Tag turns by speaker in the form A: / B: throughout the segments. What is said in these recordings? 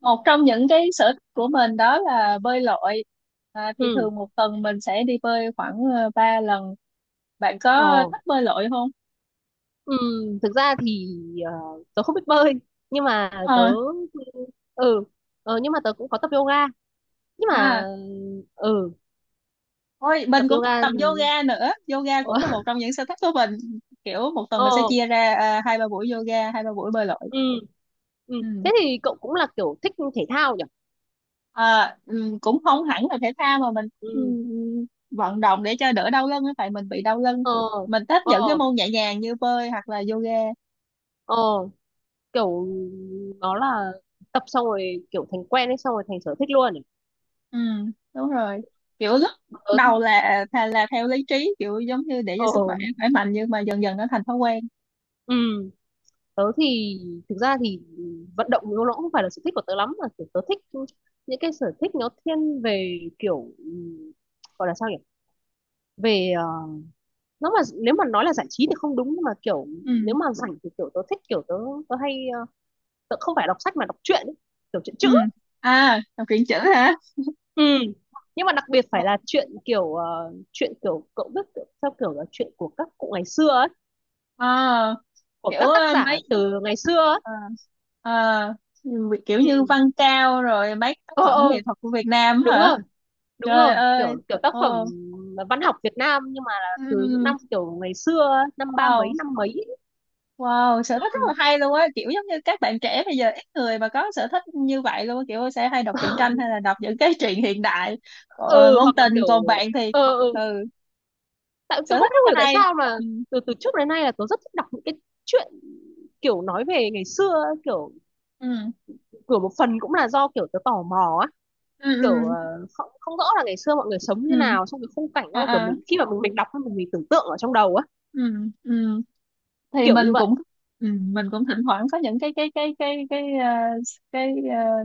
A: Một trong những cái sở thích của mình đó là bơi lội. Thì
B: Ừ.
A: thường một tuần mình sẽ đi bơi khoảng 3 lần. Bạn có
B: Ờ.
A: thích bơi lội không?
B: Ừ, thực ra thì ờ, tớ không biết bơi nhưng mà tớ.
A: ờ
B: Ừ. Nhưng mà tớ cũng có tập yoga nhưng mà
A: à
B: ừ,
A: Ôi,
B: tập
A: mình cũng thích
B: yoga
A: tập
B: thì
A: yoga nữa, yoga cũng là một trong những sở thích của mình. Kiểu một tuần mình sẽ
B: ờ,
A: chia ra, hai ba buổi yoga, hai ba buổi bơi lội.
B: ừ, ừ,
A: Ừ.
B: thế thì cậu cũng là kiểu thích thể thao nhỉ?
A: À, ừ, cũng không hẳn là thể thao mà mình ừ,
B: Ừ.
A: vận động để cho đỡ đau lưng á, tại mình bị đau lưng.
B: Ờ.
A: Mình thích
B: Ờ.
A: những cái môn nhẹ nhàng như bơi hoặc là yoga.
B: Ờ, kiểu nó là tập xong rồi kiểu thành quen ấy xong rồi thành sở thích luôn ấy.
A: Ừ, đúng rồi. Kiểu lúc
B: tớ thì-
A: đầu là thà là theo lý trí, kiểu giống như để cho
B: ờ.
A: sức khỏe khỏe mạnh, nhưng mà dần dần nó thành thói quen.
B: Ừ, tớ thì thực ra thì vận động nó cũng không phải là sở thích của tớ lắm mà kiểu tớ thích những cái sở thích nó thiên về kiểu gọi là sao nhỉ về nó. Mà nếu mà nói là giải trí thì không đúng nhưng mà kiểu
A: Ừ.
B: nếu mà rảnh thì kiểu tớ thích kiểu tớ tớ hay tớ không phải đọc sách mà đọc truyện ấy, kiểu truyện
A: Ừ.
B: chữ.
A: À, đọc truyện chữ hả?
B: Ừ. Nhưng mà đặc biệt phải là chuyện kiểu chuyện kiểu cậu biết kiểu, theo kiểu là chuyện của các cụ ngày xưa ấy,
A: Ờ,
B: của
A: kiểu
B: các tác
A: ờ,
B: giả
A: mấy
B: từ ngày xưa ấy.
A: ờ, ờ, kiểu
B: Ừ.
A: như Văn Cao rồi mấy tác
B: Ờ.
A: phẩm nghệ
B: Ờ.
A: thuật của Việt Nam
B: Đúng
A: hả?
B: rồi. Đúng
A: Trời
B: rồi,
A: ơi.
B: kiểu kiểu tác phẩm
A: Ồ.
B: văn học Việt Nam nhưng mà là từ những
A: Ừ.
B: năm kiểu ngày xưa ấy, năm ba mấy
A: Wow.
B: năm mấy ấy.
A: Wow, sở thích rất
B: Ừ.
A: là hay luôn á, kiểu giống như các bạn trẻ bây giờ ít người mà có sở thích như vậy luôn á, kiểu sẽ hay đọc truyện tranh hay là đọc những cái truyện hiện đại, còn
B: Ừ,
A: ngôn
B: hoặc là
A: tình,
B: kiểu
A: còn bạn thì
B: ừ,
A: ừ,
B: tại
A: sở
B: tôi cũng
A: thích
B: không
A: rất là
B: hiểu tại
A: hay.
B: sao là
A: Ừ,
B: từ từ trước đến nay là tôi rất thích đọc những cái chuyện kiểu nói về ngày xưa ấy, kiểu
A: ừ,
B: kiểu một phần cũng là do kiểu tôi tò mò á,
A: ừ,
B: kiểu
A: ừ,
B: không, không rõ là ngày xưa mọi người sống như
A: ừ,
B: nào xong cái khung cảnh
A: à,
B: nó kiểu
A: à,
B: mình khi mà mình đọc mình tưởng tượng ở trong đầu á,
A: ừ, ừ. Thì
B: kiểu như vậy.
A: mình cũng thỉnh thoảng có những cái cái ờ,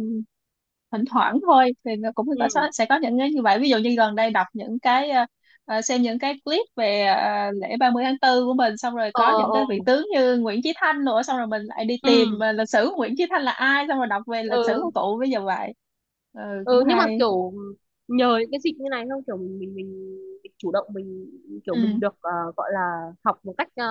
A: thỉnh thoảng thôi, thì nó cũng
B: Ừ.
A: có sẽ có những cái như vậy, ví dụ như gần đây đọc những cái xem những cái clip về lễ ba mươi tháng 4 của mình, xong rồi
B: Ờ.
A: có những
B: Ờ.
A: cái vị tướng như Nguyễn Chí Thanh nữa, xong rồi mình lại đi tìm
B: Ừ.
A: lịch sử của Nguyễn Chí Thanh là ai, xong rồi đọc về lịch sử của
B: Ờ.
A: cụ bây giờ vậy. Ừ, cũng
B: Ừ, nhưng mà
A: hay.
B: kiểu nhờ những cái dịp như này không kiểu mình chủ động mình kiểu
A: Ừ,
B: mình được gọi là học một cách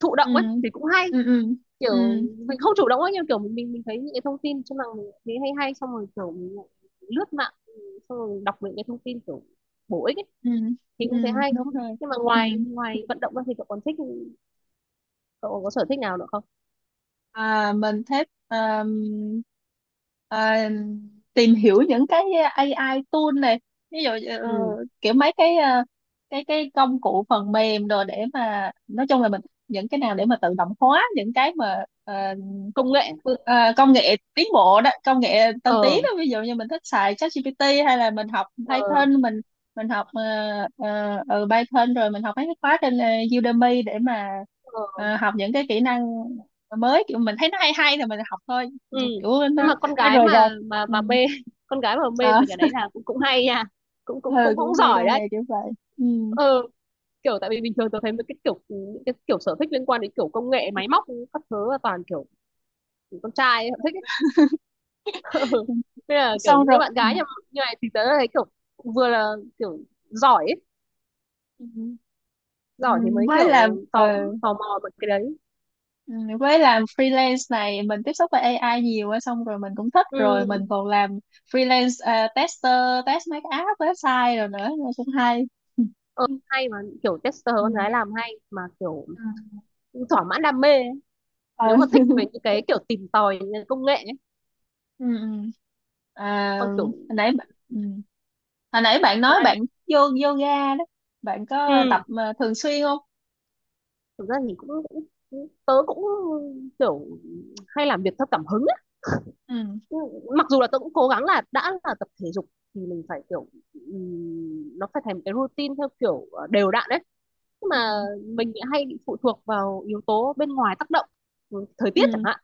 B: thụ
A: ừ,
B: động ấy thì cũng hay,
A: ừ, ừ, ừ,
B: kiểu mình không chủ động ấy nhưng kiểu mình thấy những cái thông tin trên mạng mình thấy hay hay xong rồi kiểu mình lại lướt mạng xong rồi đọc những cái thông tin kiểu bổ ích ấy,
A: ừ,
B: thì
A: ừ,
B: cũng thấy hay.
A: đúng rồi.
B: Nhưng mà
A: Ừ.
B: ngoài ngoài vận động ra thì cậu còn thích cậu còn có sở thích nào nữa không?
A: À, mình thích à, tìm hiểu những cái AI tool này, ví dụ ờ,
B: Ừ,
A: kiểu mấy cái cái công cụ phần mềm đồ, để mà nói chung là mình những cái nào để mà tự động hóa những cái mà
B: công nghệ.
A: công nghệ tiến bộ đó, công nghệ tân tiến
B: Ờ.
A: đó. Ví dụ như mình thích xài ChatGPT hay là mình học
B: Ờ.
A: Python. Mình học Python, rồi mình học mấy cái khóa trên Udemy để mà
B: Ờ.
A: học những cái kỹ năng, rồi mới kiểu mình thấy nó hay hay thì mình học thôi. Ừ,
B: Ừ,
A: kiểu
B: nhưng
A: nó
B: mà con
A: nó
B: gái
A: rời
B: mà
A: rạc.
B: mà
A: Ừ.
B: mà mê con gái mà mê
A: À,
B: về cái đấy là cũng cũng hay nha, cũng cũng
A: ừ,
B: cũng cũng
A: cũng mê
B: giỏi
A: công
B: đấy.
A: nghệ kiểu vậy. Ừ.
B: Ừ, kiểu tại vì bình thường tôi thấy mấy cái kiểu những cái kiểu sở thích liên quan đến kiểu công nghệ máy móc các thứ là toàn kiểu con trai ấy, họ thích ấy. Ừ. Thế là kiểu
A: Xong
B: những cái
A: rồi.
B: bạn
A: Ừ.
B: gái như, như này thì tớ thấy kiểu vừa là kiểu giỏi ấy.
A: Ừ. Ừ,
B: Giỏi thì mới
A: với làm
B: kiểu tò
A: ờ,
B: tò mò về cái đấy.
A: ừ, với làm freelance này mình tiếp xúc với AI nhiều á, xong rồi mình cũng thích, rồi mình
B: Ừ.
A: còn làm freelance tester, test mấy cái app website rồi nữa, nó cũng hay.
B: Ừ,
A: Ừ.
B: hay mà kiểu tester
A: Ừ.
B: con gái làm hay mà kiểu thỏa mãn đam mê ấy. Nếu
A: Ờ.
B: mà thích về những cái kiểu tìm tòi những cái công nghệ
A: Ừ. Ừ. À,
B: còn
A: hồi
B: kiểu
A: nãy bạn- ừ. hồi nãy bạn
B: còn
A: nói
B: anh.
A: bạn vô yoga đó, bạn có tập
B: Ừ,
A: mà thường xuyên không?
B: thực ra thì cũng, cũng cũng- tớ cũng kiểu hay làm việc theo cảm hứng ấy.
A: Ừ,
B: Ừ, mặc dù là tớ cũng cố gắng là đã là tập thể dục thì mình phải kiểu nó phải thành một cái routine theo kiểu đều đặn đấy, nhưng
A: ừ,
B: mà mình lại hay bị phụ thuộc vào yếu tố bên ngoài tác động, ừ, thời tiết chẳng
A: ừ,
B: hạn,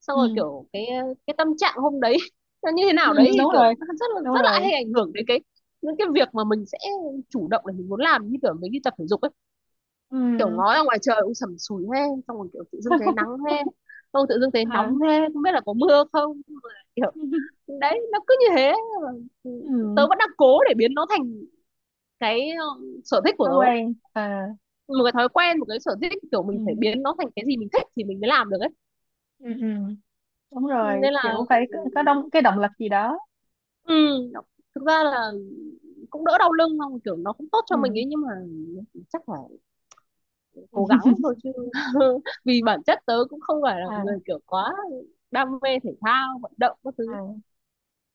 B: xong
A: ừ,
B: rồi kiểu cái tâm trạng hôm đấy nó như thế
A: ừ,
B: nào đấy thì
A: đúng
B: kiểu
A: rồi, đúng
B: rất là
A: rồi.
B: hay ảnh hưởng đến cái những cái việc mà mình sẽ chủ động để mình muốn làm như kiểu mình đi tập thể dục ấy,
A: Ừ.
B: kiểu ngó ra ngoài trời cũng sẩm sủi he, xong rồi kiểu tự dưng thấy nắng he, xong tự dưng thấy
A: À.
B: nóng he, không biết là có mưa không. Nhưng mà kiểu đấy nó cứ như thế. Mà
A: Ừ,
B: tớ vẫn đang cố để biến nó thành cái sở thích của
A: thói
B: tớ,
A: quen à?
B: một cái thói quen, một cái sở thích kiểu
A: Ừ,
B: mình phải biến nó thành cái gì mình thích thì mình mới làm được ấy,
A: ừ, ừ. Đúng rồi,
B: nên là
A: kiểu phải có động cái động lực gì đó.
B: ừ, nó- thực ra là cũng đỡ đau lưng không kiểu nó cũng tốt cho mình
A: Ừ.
B: ấy nhưng mà chắc là cố gắng thôi chứ vì bản chất tớ cũng không phải là người
A: À,
B: kiểu quá đam mê thể thao vận động các thứ.
A: à.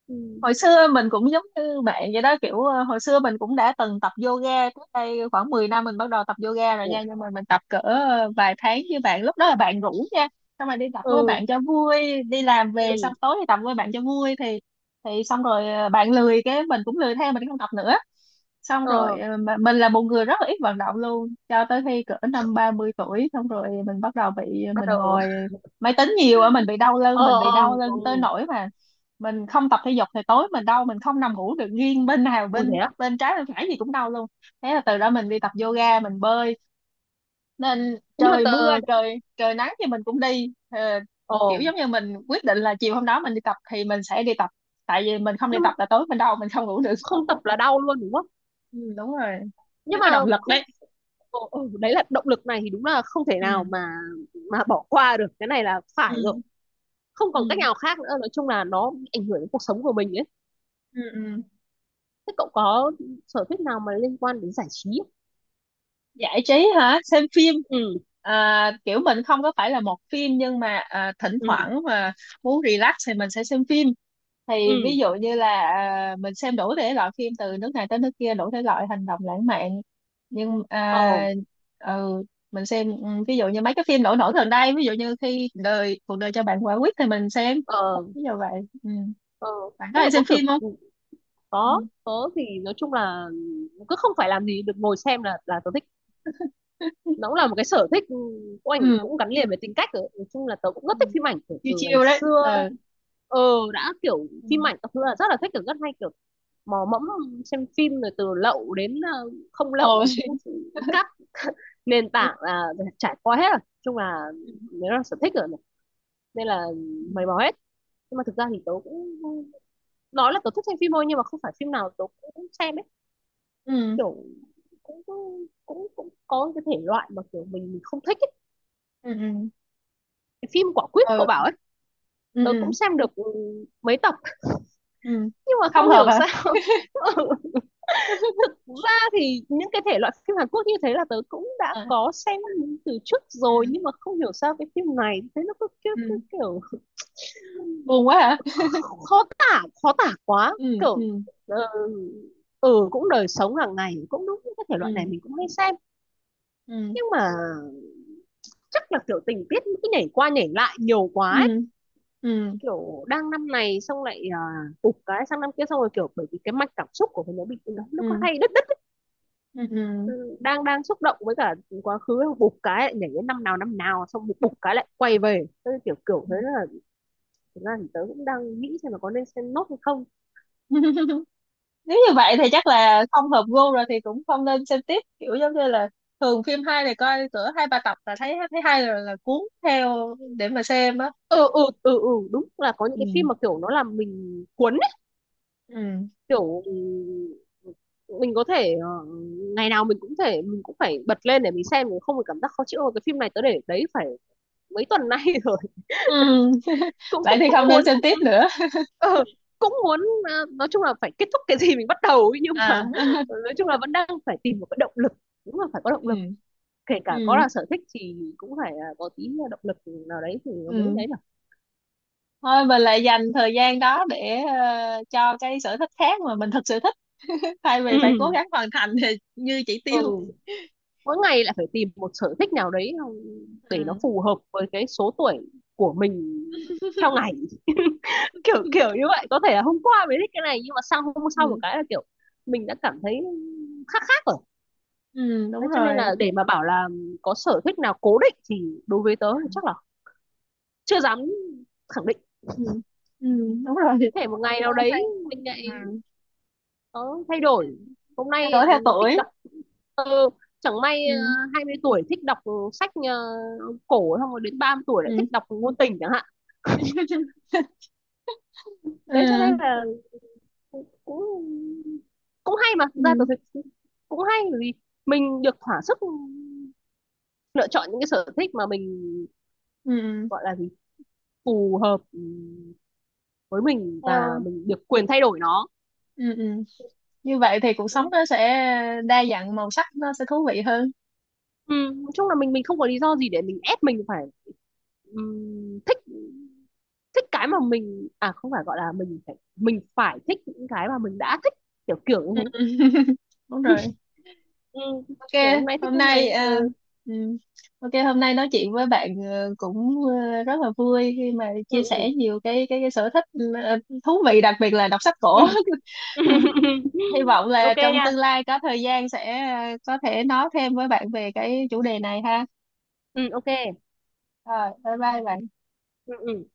B: Ừ.
A: Hồi xưa mình cũng giống như bạn vậy đó, kiểu hồi xưa mình cũng đã từng tập yoga. Trước đây khoảng 10 năm mình bắt đầu tập yoga rồi
B: Ủa?
A: nha, nhưng mà mình tập cỡ vài tháng với bạn, lúc đó là bạn rủ nha. Xong rồi đi tập với
B: Ừ.
A: bạn cho vui, đi làm về xong
B: Ừ.
A: tối thì tập với bạn cho vui, thì xong rồi bạn lười cái mình cũng lười theo, mình không tập nữa. Xong rồi
B: Ờ.
A: mà mình là một người rất là ít vận động luôn, cho tới khi cỡ năm 30 tuổi xong rồi mình bắt đầu bị
B: Bắt
A: mình
B: đầu.
A: ngồi máy tính nhiều á, mình bị đau lưng.
B: Ờ.
A: Mình bị
B: Ờ.
A: đau
B: Ừ.
A: lưng tới nỗi mà mình không tập thể dục thì tối mình đau, mình không nằm ngủ được, nghiêng bên nào,
B: Ui, thế
A: bên
B: á?
A: bên trái bên phải gì cũng đau luôn. Thế là từ đó mình đi tập yoga, mình bơi, nên
B: Nhưng mà
A: trời
B: tớ.
A: mưa trời trời nắng thì mình cũng đi. Ờ,
B: Ờ.
A: kiểu giống như mình quyết định là chiều hôm đó mình đi tập thì mình sẽ đi tập, tại vì mình không đi
B: Nhưng mà
A: tập là tối mình đau, mình không ngủ được.
B: không tập là đau luôn đúng không?
A: Ừ, đúng rồi,
B: Nhưng
A: nó
B: mà
A: có động lực
B: không,
A: đấy.
B: ờ, ờ, đấy là động lực này thì đúng là không thể
A: Ừ,
B: nào mà bỏ qua được cái này là phải
A: ừ,
B: rồi, không còn cách
A: ừ,
B: nào khác nữa, nói chung là nó ảnh hưởng đến cuộc sống của mình ấy.
A: ừ, ừ.
B: Thế cậu có sở thích nào mà liên quan đến giải trí không?
A: Giải trí hả? Xem phim.
B: Ừ.
A: À, kiểu mình không có phải là một phim, nhưng mà thỉnh
B: Ừ.
A: thoảng mà muốn relax thì mình sẽ xem phim. Thì, ví
B: Ừ.
A: dụ như là mình xem đủ thể loại phim từ nước này tới nước kia, đủ thể loại hành động, lãng mạn. Nhưng
B: Ờ.
A: ừ, mình xem, ví dụ như mấy cái phim nổi nổi gần đây, ví dụ như khi đời cuộc đời cho bạn quả quýt thì mình xem,
B: Ờ.
A: ví dụ vậy. Ừ.
B: Ờ.
A: Bạn có
B: Thế là
A: hay
B: có
A: xem
B: kiểu
A: phim không?
B: ừ,
A: Ừ.
B: có thì nói chung là cứ không phải làm gì được ngồi xem là tớ thích, nó cũng là một cái sở thích ừ, của ảnh
A: Ừ.
B: cũng gắn liền với tính cách rồi, nói chung là tớ cũng
A: Ừ.
B: rất thích phim ảnh
A: Chiêu
B: từ ngày
A: chiêu đấy.
B: xưa.
A: Ừ.
B: Ờ, đã kiểu
A: Ừ.
B: phim ảnh các thứ là rất là thích kiểu rất hay kiểu mò mẫm xem phim rồi từ lậu đến không lậu
A: Ồ.
B: thì cũng các nền tảng là trải qua hết rồi, nói chung là nếu là sở thích rồi mà. Nên là
A: Ừ,
B: mày mò hết. Nhưng mà thực ra thì tớ cũng nói là tớ thích xem phim thôi nhưng mà không phải phim nào tớ cũng xem ấy,
A: ừ,
B: kiểu cũng cũng cũng có cái thể loại mà kiểu mình không thích ấy.
A: ừ,
B: Cái phim Quả Quýt cậu
A: ừ,
B: bảo ấy
A: ừ, ừ,
B: tớ cũng
A: ừ,
B: xem được ừ, mấy tập,
A: ừ.
B: nhưng mà
A: Không
B: không
A: hợp
B: hiểu
A: hả?
B: sao ừ, thực ra thì những cái thể loại phim Hàn Quốc như thế là tớ cũng đã
A: Ờ.
B: có xem từ trước rồi
A: Ừ,
B: nhưng mà không hiểu sao cái phim này thế nó cứ
A: ừ,
B: kiểu
A: buồn quá hả?
B: khó tả, khó tả quá
A: Ừ,
B: kiểu
A: ừ,
B: ờ, ừ, cũng đời sống hàng ngày cũng đúng những cái thể loại này
A: ừ,
B: mình cũng hay xem,
A: ừ,
B: nhưng mà chắc là kiểu tình tiết nghĩ nhảy qua nhảy lại nhiều
A: ừ,
B: quá ấy,
A: ừ,
B: kiểu đang năm này xong lại à, tụt cái sang năm kia xong rồi kiểu bởi vì cái mạch cảm xúc của mình nó bị nó có
A: ừ,
B: hay đứt đứt ấy.
A: ừ, ừ,
B: Ừ, đang đang xúc động với cả quá khứ bục cái lại nhảy đến năm nào xong bục bục cái lại quay về. Thế kiểu kiểu
A: ừ.
B: thế là thực ra thì tớ cũng đang nghĩ xem là có nên xem nốt hay không.
A: Nếu như vậy thì chắc là không hợp gu rồi, thì cũng không nên xem tiếp, kiểu giống như là thường phim hay thì coi cỡ hai ba tập là thấy thấy hay rồi là cuốn theo để mà xem á.
B: Ừ ừ ừ ừ, đúng là có những cái phim
A: Ừ,
B: mà kiểu nó làm mình cuốn,
A: ừ,
B: kiểu ừ, mình có thể ngày nào mình cũng thể mình cũng phải bật lên để mình xem mình không phải cảm giác khó chịu "Ôi, cái phim này tớ để đấy phải mấy tuần nay rồi
A: ừ.
B: cũng
A: Vậy
B: cũng
A: thì
B: cũng
A: không nên
B: muốn
A: xem tiếp nữa.
B: ờ, cũng muốn nói chung là phải kết thúc cái gì mình bắt đầu ấy, nhưng mà
A: À.
B: nói chung là vẫn đang phải tìm một cái động lực, đúng là phải có động lực,
A: Ừ,
B: kể cả có
A: ừ,
B: là sở thích thì cũng phải có tí động lực nào đấy thì nó mới
A: ừ,
B: đấy nhở.
A: thôi mình lại dành thời gian đó để cho cái sở thích khác mà mình thực sự thích thay
B: Ừ.
A: vì phải cố gắng hoàn thành thì như chỉ
B: Ừ,
A: tiêu.
B: mỗi ngày lại phải tìm một sở thích nào đấy để nó
A: Ừ.
B: phù hợp với cái số tuổi của mình theo ngày kiểu kiểu như vậy, có thể là hôm qua mới thích cái này nhưng mà sang hôm sau một
A: Ừ,
B: cái là kiểu mình đã cảm thấy khác khác rồi.
A: ừ, đúng
B: Thế cho nên là
A: rồi.
B: để mà bảo là có sở thích nào cố định thì đối với tớ thì chắc là chưa dám khẳng định.
A: Ừ, ừ, đúng rồi.
B: Có thể một ngày nào
A: Tao thay.
B: đấy mình
A: Ừ.
B: lại có thay đổi, hôm
A: Thay
B: nay
A: đổi theo
B: thích
A: tuổi.
B: đọc thơ, chẳng may
A: Ừ,
B: 20 tuổi thích đọc sách cổ, xong rồi đến 30 tuổi lại
A: ừ.
B: thích đọc ngôn tình chẳng hạn. Đấy cho
A: Ừ,
B: nên là cũng cũng cũng hay mà, thực ra
A: ừ,
B: tôi thấy cũng hay vì mình được thỏa sức lựa chọn những cái sở thích mà mình
A: ừ.
B: gọi là gì phù hợp với mình và
A: Theo.
B: mình được quyền thay đổi nó.
A: Ừ, ừ. Như vậy thì cuộc sống nó sẽ đa dạng màu sắc, nó sẽ thú vị hơn.
B: Ừ, nói chung là mình không có lý do gì để mình ép mình phải thích, thích cái mà mình à không phải gọi là mình phải thích những cái mà mình đã thích, kiểu kiểu như thế.
A: Đúng rồi.
B: Ừ,
A: Ok,
B: kiểu hôm nay thích
A: hôm
B: hôm nay
A: nay
B: ừ,
A: à, ừm, ok hôm nay nói chuyện với bạn cũng rất là vui khi mà
B: ừ,
A: chia sẻ nhiều cái sở thích ờ, thú vị, đặc biệt là đọc sách
B: ừ.
A: cổ. Hy vọng là
B: Ok
A: trong
B: nha.
A: tương lai có thời gian sẽ có thể nói thêm với bạn về cái chủ đề này ha.
B: Ừ, ok.
A: Rồi, bye bye bạn.
B: Ừ, ừ.